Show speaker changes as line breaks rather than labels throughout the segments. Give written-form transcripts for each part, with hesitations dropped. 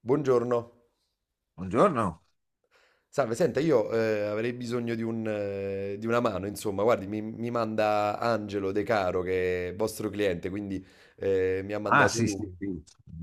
Buongiorno.
Buongiorno.
Salve, senta, io avrei bisogno di un, di una mano, insomma, guardi, mi manda Angelo De Caro, che è vostro cliente, quindi mi ha
Ah,
mandato
sì, sì,
lui.
sì.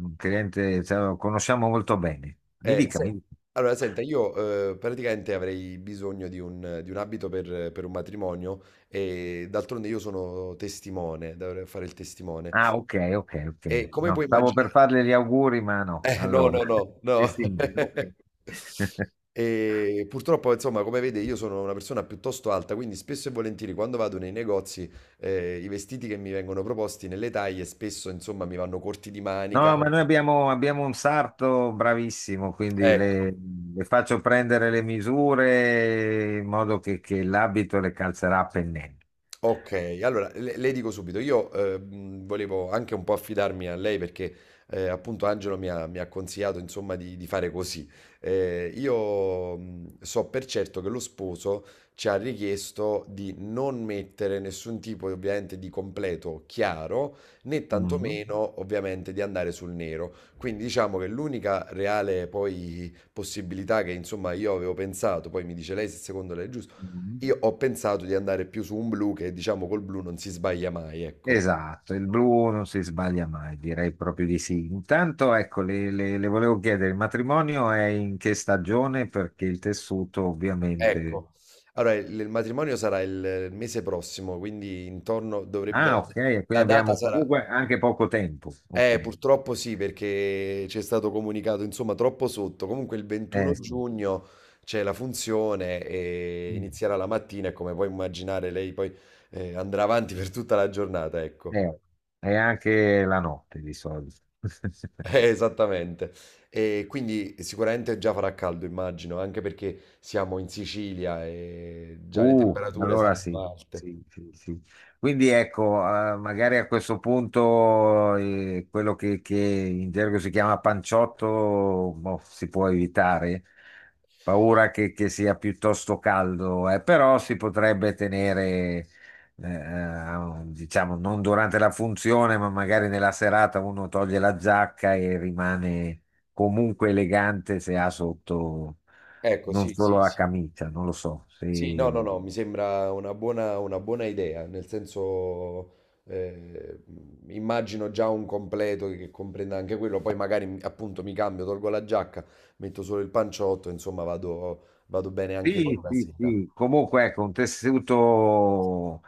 Un cliente, cioè, lo conosciamo molto bene. Mi
Eh,
dica, mi
se-
dica.
Allora, senta, io praticamente avrei bisogno di un abito per un matrimonio e d'altronde io sono testimone, dovrei fare il testimone.
Ah, ok, ok, ok.
E come
No,
puoi
stavo per
immaginare...
farle gli auguri, ma no.
No,
Allora,
no, no,
eh
no.
sì, ok.
E purtroppo, insomma, come vede, io sono una persona piuttosto alta, quindi spesso e volentieri quando vado nei negozi, i vestiti che mi vengono proposti nelle taglie spesso, insomma, mi vanno corti di manica.
No, ma noi abbiamo un sarto bravissimo, quindi
Ecco.
le faccio prendere le misure in modo che l'abito le calzerà a pennello.
Ok, allora le dico subito, io volevo anche un po' affidarmi a lei perché appunto Angelo mi ha consigliato insomma di fare così. Io so per certo che lo sposo ci ha richiesto di non mettere nessun tipo ovviamente di completo chiaro né
Mm.
tantomeno ovviamente di andare sul nero. Quindi diciamo che l'unica reale poi possibilità che insomma io avevo pensato, poi mi dice lei se secondo lei è giusto,
Mm.
io ho pensato di andare più su un blu, che diciamo col blu non si sbaglia mai, ecco.
Esatto, il blu non si sbaglia mai, direi proprio di sì. Intanto, ecco, le volevo chiedere, il matrimonio è in che stagione? Perché il tessuto ovviamente...
Ecco. Allora il matrimonio sarà il mese prossimo, quindi intorno dovrebbe
Ah, ok, quindi
la data
abbiamo
sarà,
comunque anche poco tempo. Ok.
purtroppo sì, perché c'è stato comunicato insomma troppo sotto. Comunque il 21
Sì.
giugno c'è la funzione e
Mm.
inizierà la mattina e come puoi immaginare lei poi andrà avanti per tutta la giornata, ecco.
Eh, è anche la notte di solito.
Esattamente. E quindi sicuramente già farà caldo, immagino, anche perché siamo in Sicilia e già le temperature
Allora sì,
saranno alte.
sì, sì, sì. Quindi ecco, magari a questo punto quello che in gergo si chiama panciotto, boh, si può evitare. Paura che sia piuttosto caldo, però si potrebbe tenere, diciamo, non durante la funzione, ma magari nella serata uno toglie la giacca e rimane comunque elegante se ha sotto
Ecco,
non
sì,
solo
sì,
la
sì.
camicia, non lo so.
Sì, no, no,
Sì,
no, mi sembra una buona idea, nel senso, eh, immagino già un completo che comprenda anche quello, poi magari appunto mi cambio, tolgo la giacca, metto solo il panciotto, insomma vado, vado bene anche per
sì,
la
sì.
sera.
Sì. Comunque, ecco, un tessuto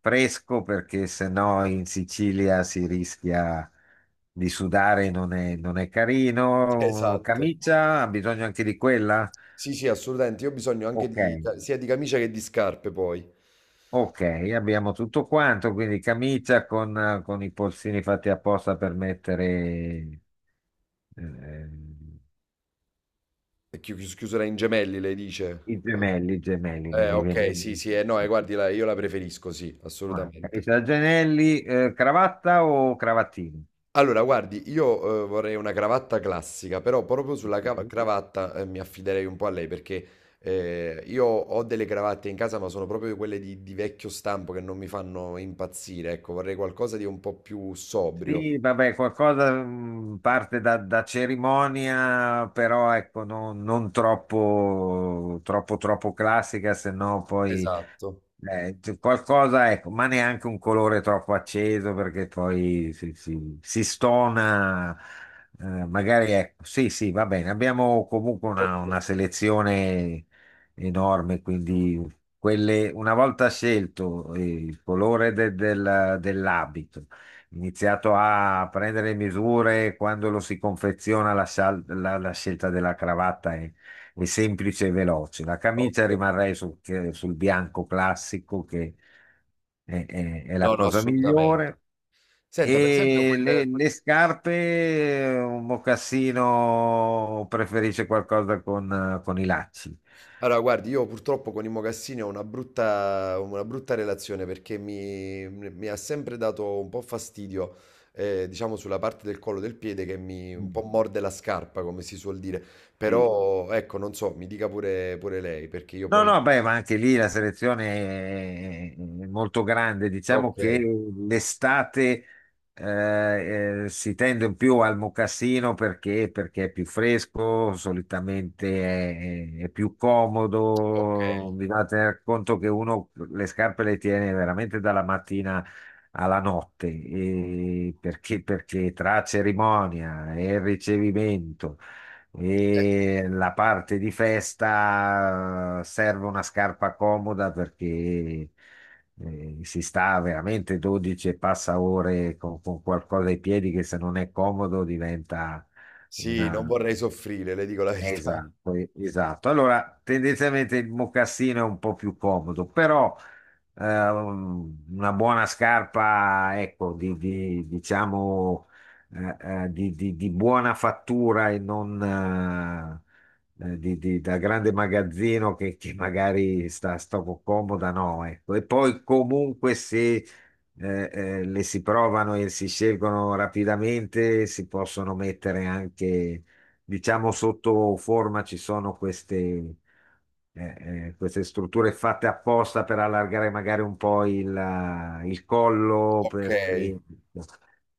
fresco perché sennò in Sicilia si rischia di sudare, non è, non è carino.
Esatto.
Camicia, ha bisogno anche di quella?
Sì, sì, assolutamente. Io ho bisogno anche
Ok,
di, sia di camicia che di scarpe poi.
ok, abbiamo tutto quanto, quindi camicia con i polsini fatti apposta per mettere eh,
Chiusura in gemelli, lei dice. Sì.
i gemelli, non mi viene.
Ok, sì, sì, no, guardi, io la preferisco, sì,
Guarda,
assolutamente.
camicia da Gianelli, cravatta o cravattini?
Allora, guardi, io vorrei una cravatta classica, però proprio sulla
Ok.
cravatta, mi affiderei un po' a lei perché io ho delle cravatte in casa, ma sono proprio quelle di vecchio stampo che non mi fanno impazzire. Ecco, vorrei qualcosa di un po' più sobrio.
Sì, vabbè, qualcosa parte da, da cerimonia, però ecco, non, non troppo, troppo, troppo classica, se no poi
Esatto.
c- qualcosa, ecco, ma neanche un colore troppo acceso perché poi si- si stona, magari ecco, sì, sì, va bene, abbiamo comunque
Ok,
una selezione enorme, quindi quelle, una volta scelto il colore de- del- dell'abito iniziato a prendere le misure quando lo si confeziona la, sal- la- la scelta della cravatta è semplice e veloce. La camicia
ok.
rimarrei sul, che- sul bianco classico che è la
No, no,
cosa
assolutamente.
migliore.
Senta, per esempio,
E le scarpe, un mocassino preferisce qualcosa con i lacci.
Allora, guardi, io purtroppo con i mocassini ho una brutta relazione perché mi ha sempre dato un po' fastidio, diciamo, sulla parte del collo del piede che mi un po'
Mm.
morde la scarpa, come si suol dire.
Sì,
Però, ecco, non so, mi dica pure, pure lei, perché io
no,
poi...
no, beh, ma anche lì la selezione è molto grande. Diciamo
Ok,
che l'estate si tende più al mocassino perché, perché è più fresco, solitamente è più
ok.
comodo. Bisogna tener conto che uno le scarpe le tiene veramente dalla mattina alla notte, e perché, perché tra cerimonia e ricevimento e la parte di festa serve una scarpa comoda perché si sta veramente 12 e passa ore con qualcosa ai piedi che se non è comodo diventa
Sì, non
una,
vorrei soffrire, le dico la verità.
esatto, e- esatto. Allora, tendenzialmente il mocassino è un po' più comodo, però una buona scarpa, ecco, di- diciamo, eh, di buona fattura e non di- di- da grande magazzino che magari sta, sta un po' comoda, no, ecco. E poi comunque se le si provano e si scelgono rapidamente, si possono mettere anche diciamo sotto forma ci sono queste, queste strutture fatte apposta per allargare magari un po' il collo,
Ok,
perché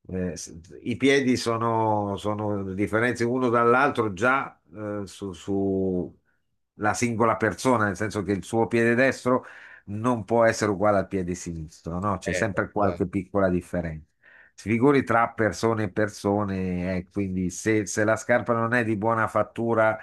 s- i piedi sono, sono differenze uno dall'altro già su, su la singola persona, nel senso che il suo piede destro non può essere uguale al piede sinistro, no? C'è sempre
chiaro.
qualche piccola differenza. Si figuri tra persone e persone, quindi se, se la scarpa non è di buona fattura,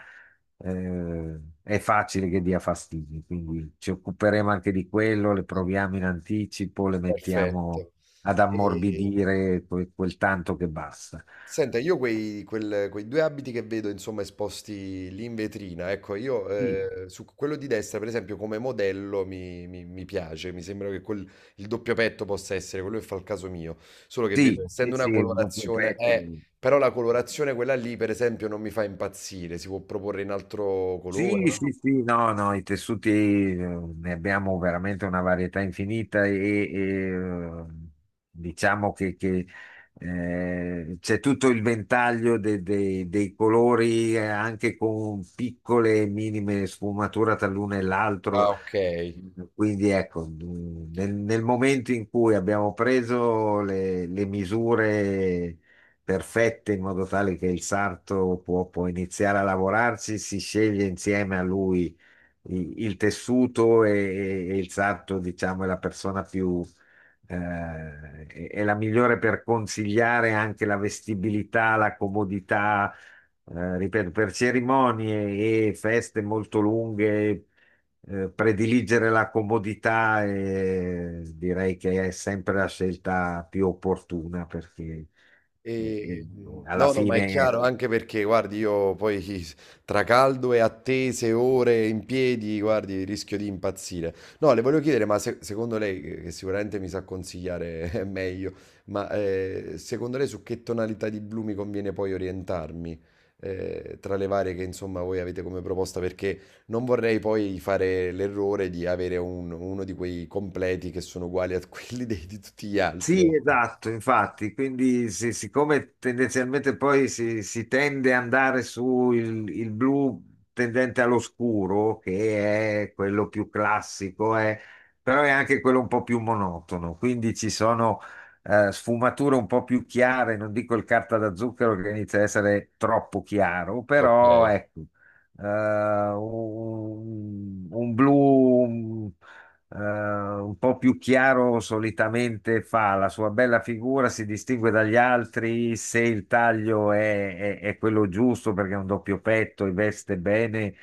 è facile che dia fastidi. Quindi ci occuperemo anche di quello, le proviamo in anticipo, le mettiamo
Perfetto.
ad
E-
ammorbidire que- quel, tanto che basta.
Senta, io quei due abiti che vedo, insomma, esposti lì in vetrina, ecco, io
Sì,
su quello di destra, per esempio, come modello mi piace, mi sembra che il doppio petto possa essere quello che fa il caso mio, solo che vedo,
sì, sì,
essendo
sì,
una
il doppio
colorazione,
petto.
però la colorazione quella lì, per esempio, non mi fa impazzire, si può proporre in altro colore,
Sì,
no?
sì, sì, no, no, i tessuti ne abbiamo veramente una varietà infinita e, eh, diciamo che c'è tutto il ventaglio de- de- dei colori anche con piccole e minime sfumature tra l'uno e l'altro
Ah, ok.
quindi ecco, nel, nel momento in cui abbiamo preso le misure perfette in modo tale che il sarto può, può iniziare a lavorarci, si sceglie insieme a lui i- il, tessuto e il sarto, diciamo, è la persona più, eh, è la migliore per consigliare anche la vestibilità, la comodità. Ripeto, per cerimonie e feste molto lunghe prediligere la comodità direi che è sempre la scelta più opportuna perché eh, eh,
E,
alla
no, no, ma è
fine
chiaro, anche perché guardi io poi tra caldo e attese, ore in piedi, guardi rischio di impazzire. No, le volevo chiedere, ma se secondo lei, che sicuramente mi sa consigliare meglio, ma, secondo lei su che tonalità di blu mi conviene poi orientarmi, tra le varie che insomma voi avete come proposta? Perché non vorrei poi fare l'errore di avere un uno di quei completi che sono uguali a quelli dei di tutti gli altri,
sì,
ecco.
esatto, infatti, quindi sì, siccome tendenzialmente poi si tende ad andare su il blu tendente all'oscuro, che è quello più classico, è- però è anche quello un po' più monotono, quindi ci sono sfumature un po' più chiare, non dico il carta da zucchero che inizia a essere troppo chiaro, però
Okay.
ecco, eh, un blu un po' più chiaro solitamente fa, la sua bella figura si distingue dagli altri se il taglio è quello giusto perché è un doppio petto e veste bene,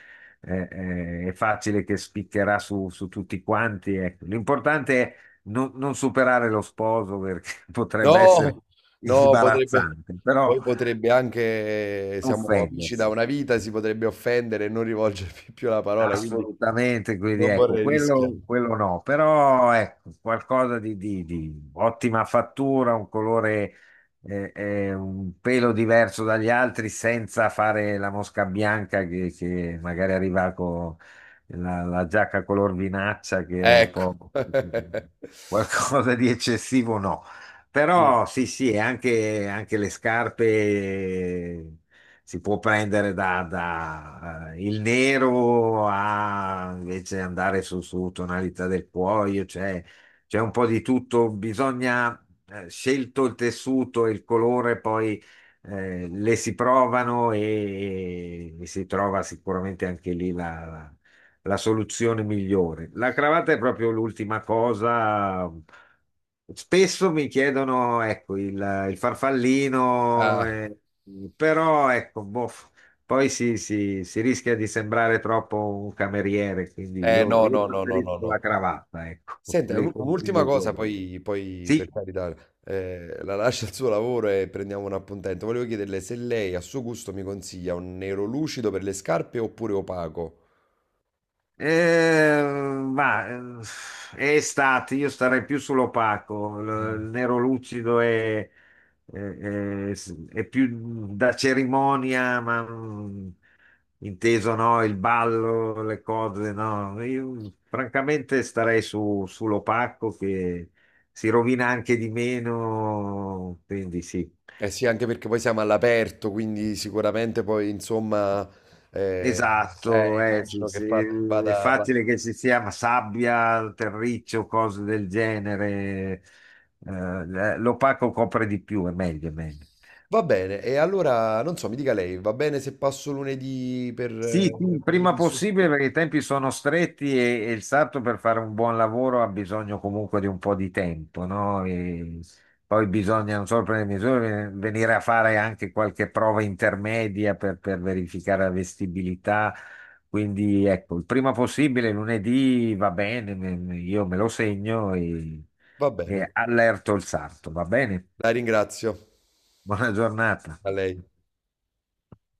è facile che spiccherà su, su tutti quanti. Ecco. L'importante è non, non superare lo sposo perché potrebbe essere
No, no, potrebbe,
imbarazzante, però
poi potrebbe anche, siamo amici da
offendersi.
una vita, si potrebbe offendere e non rivolgermi più la parola, quindi
Assolutamente, quindi
non
ecco,
vorrei rischiare.
quello no, però ecco, qualcosa di ottima fattura, un colore un pelo diverso dagli altri senza fare la mosca bianca che magari arriva con la, la giacca color vinaccia che è un
Ecco.
po' qualcosa di eccessivo, no.
Sì.
Però sì, sì, e anche, anche le scarpe si può prendere da, da, il nero a invece andare su, su tonalità del cuoio, cioè c'è un po' di tutto, bisogna scelto il tessuto e il colore, poi le si provano e si trova sicuramente anche lì la, la- la soluzione migliore. La cravatta è proprio l'ultima cosa. Spesso mi chiedono, ecco, il farfallino,
Ah,
però ecco, boh, poi si- si rischia di sembrare troppo un cameriere, quindi
no,
io
no, no, no, no,
preferisco la
no.
cravatta, ecco,
Senta,
le
un'ultima
consiglio
cosa,
quello.
poi, poi, per
Sì,
carità, la lascio al suo lavoro e prendiamo un appuntamento. Volevo chiederle se lei a suo gusto mi consiglia un nero lucido per le scarpe oppure opaco.
Eh, ma è estate, io starei più sull'opaco, il nero lucido è- è- è più da cerimonia, ma mm, inteso no, il ballo, le cose, no. Io francamente starei su, sull'opaco che si rovina anche di meno, quindi sì.
Eh sì, anche perché poi siamo all'aperto, quindi sicuramente poi insomma eh,
Esatto, sì,
immagino che
sì, è
va,
facile che ci sia sabbia, terriccio, cose del genere. L'opaco copre di più, è meglio, è meglio.
va bene. E allora non so, mi dica lei, va bene se passo lunedì
Sì, sì, il
per le
prima
misure?
possibile perché i tempi sono stretti e il sarto per fare un buon lavoro ha bisogno comunque di un po' di tempo, no? E poi bisogna, non solo prendere misure, venire a fare anche qualche prova intermedia per verificare la vestibilità. Quindi ecco, il prima possibile lunedì va bene, me- me- io me lo segno
Va bene,
e allerto il sarto, va bene?
la ringrazio.
Buona giornata.
A lei.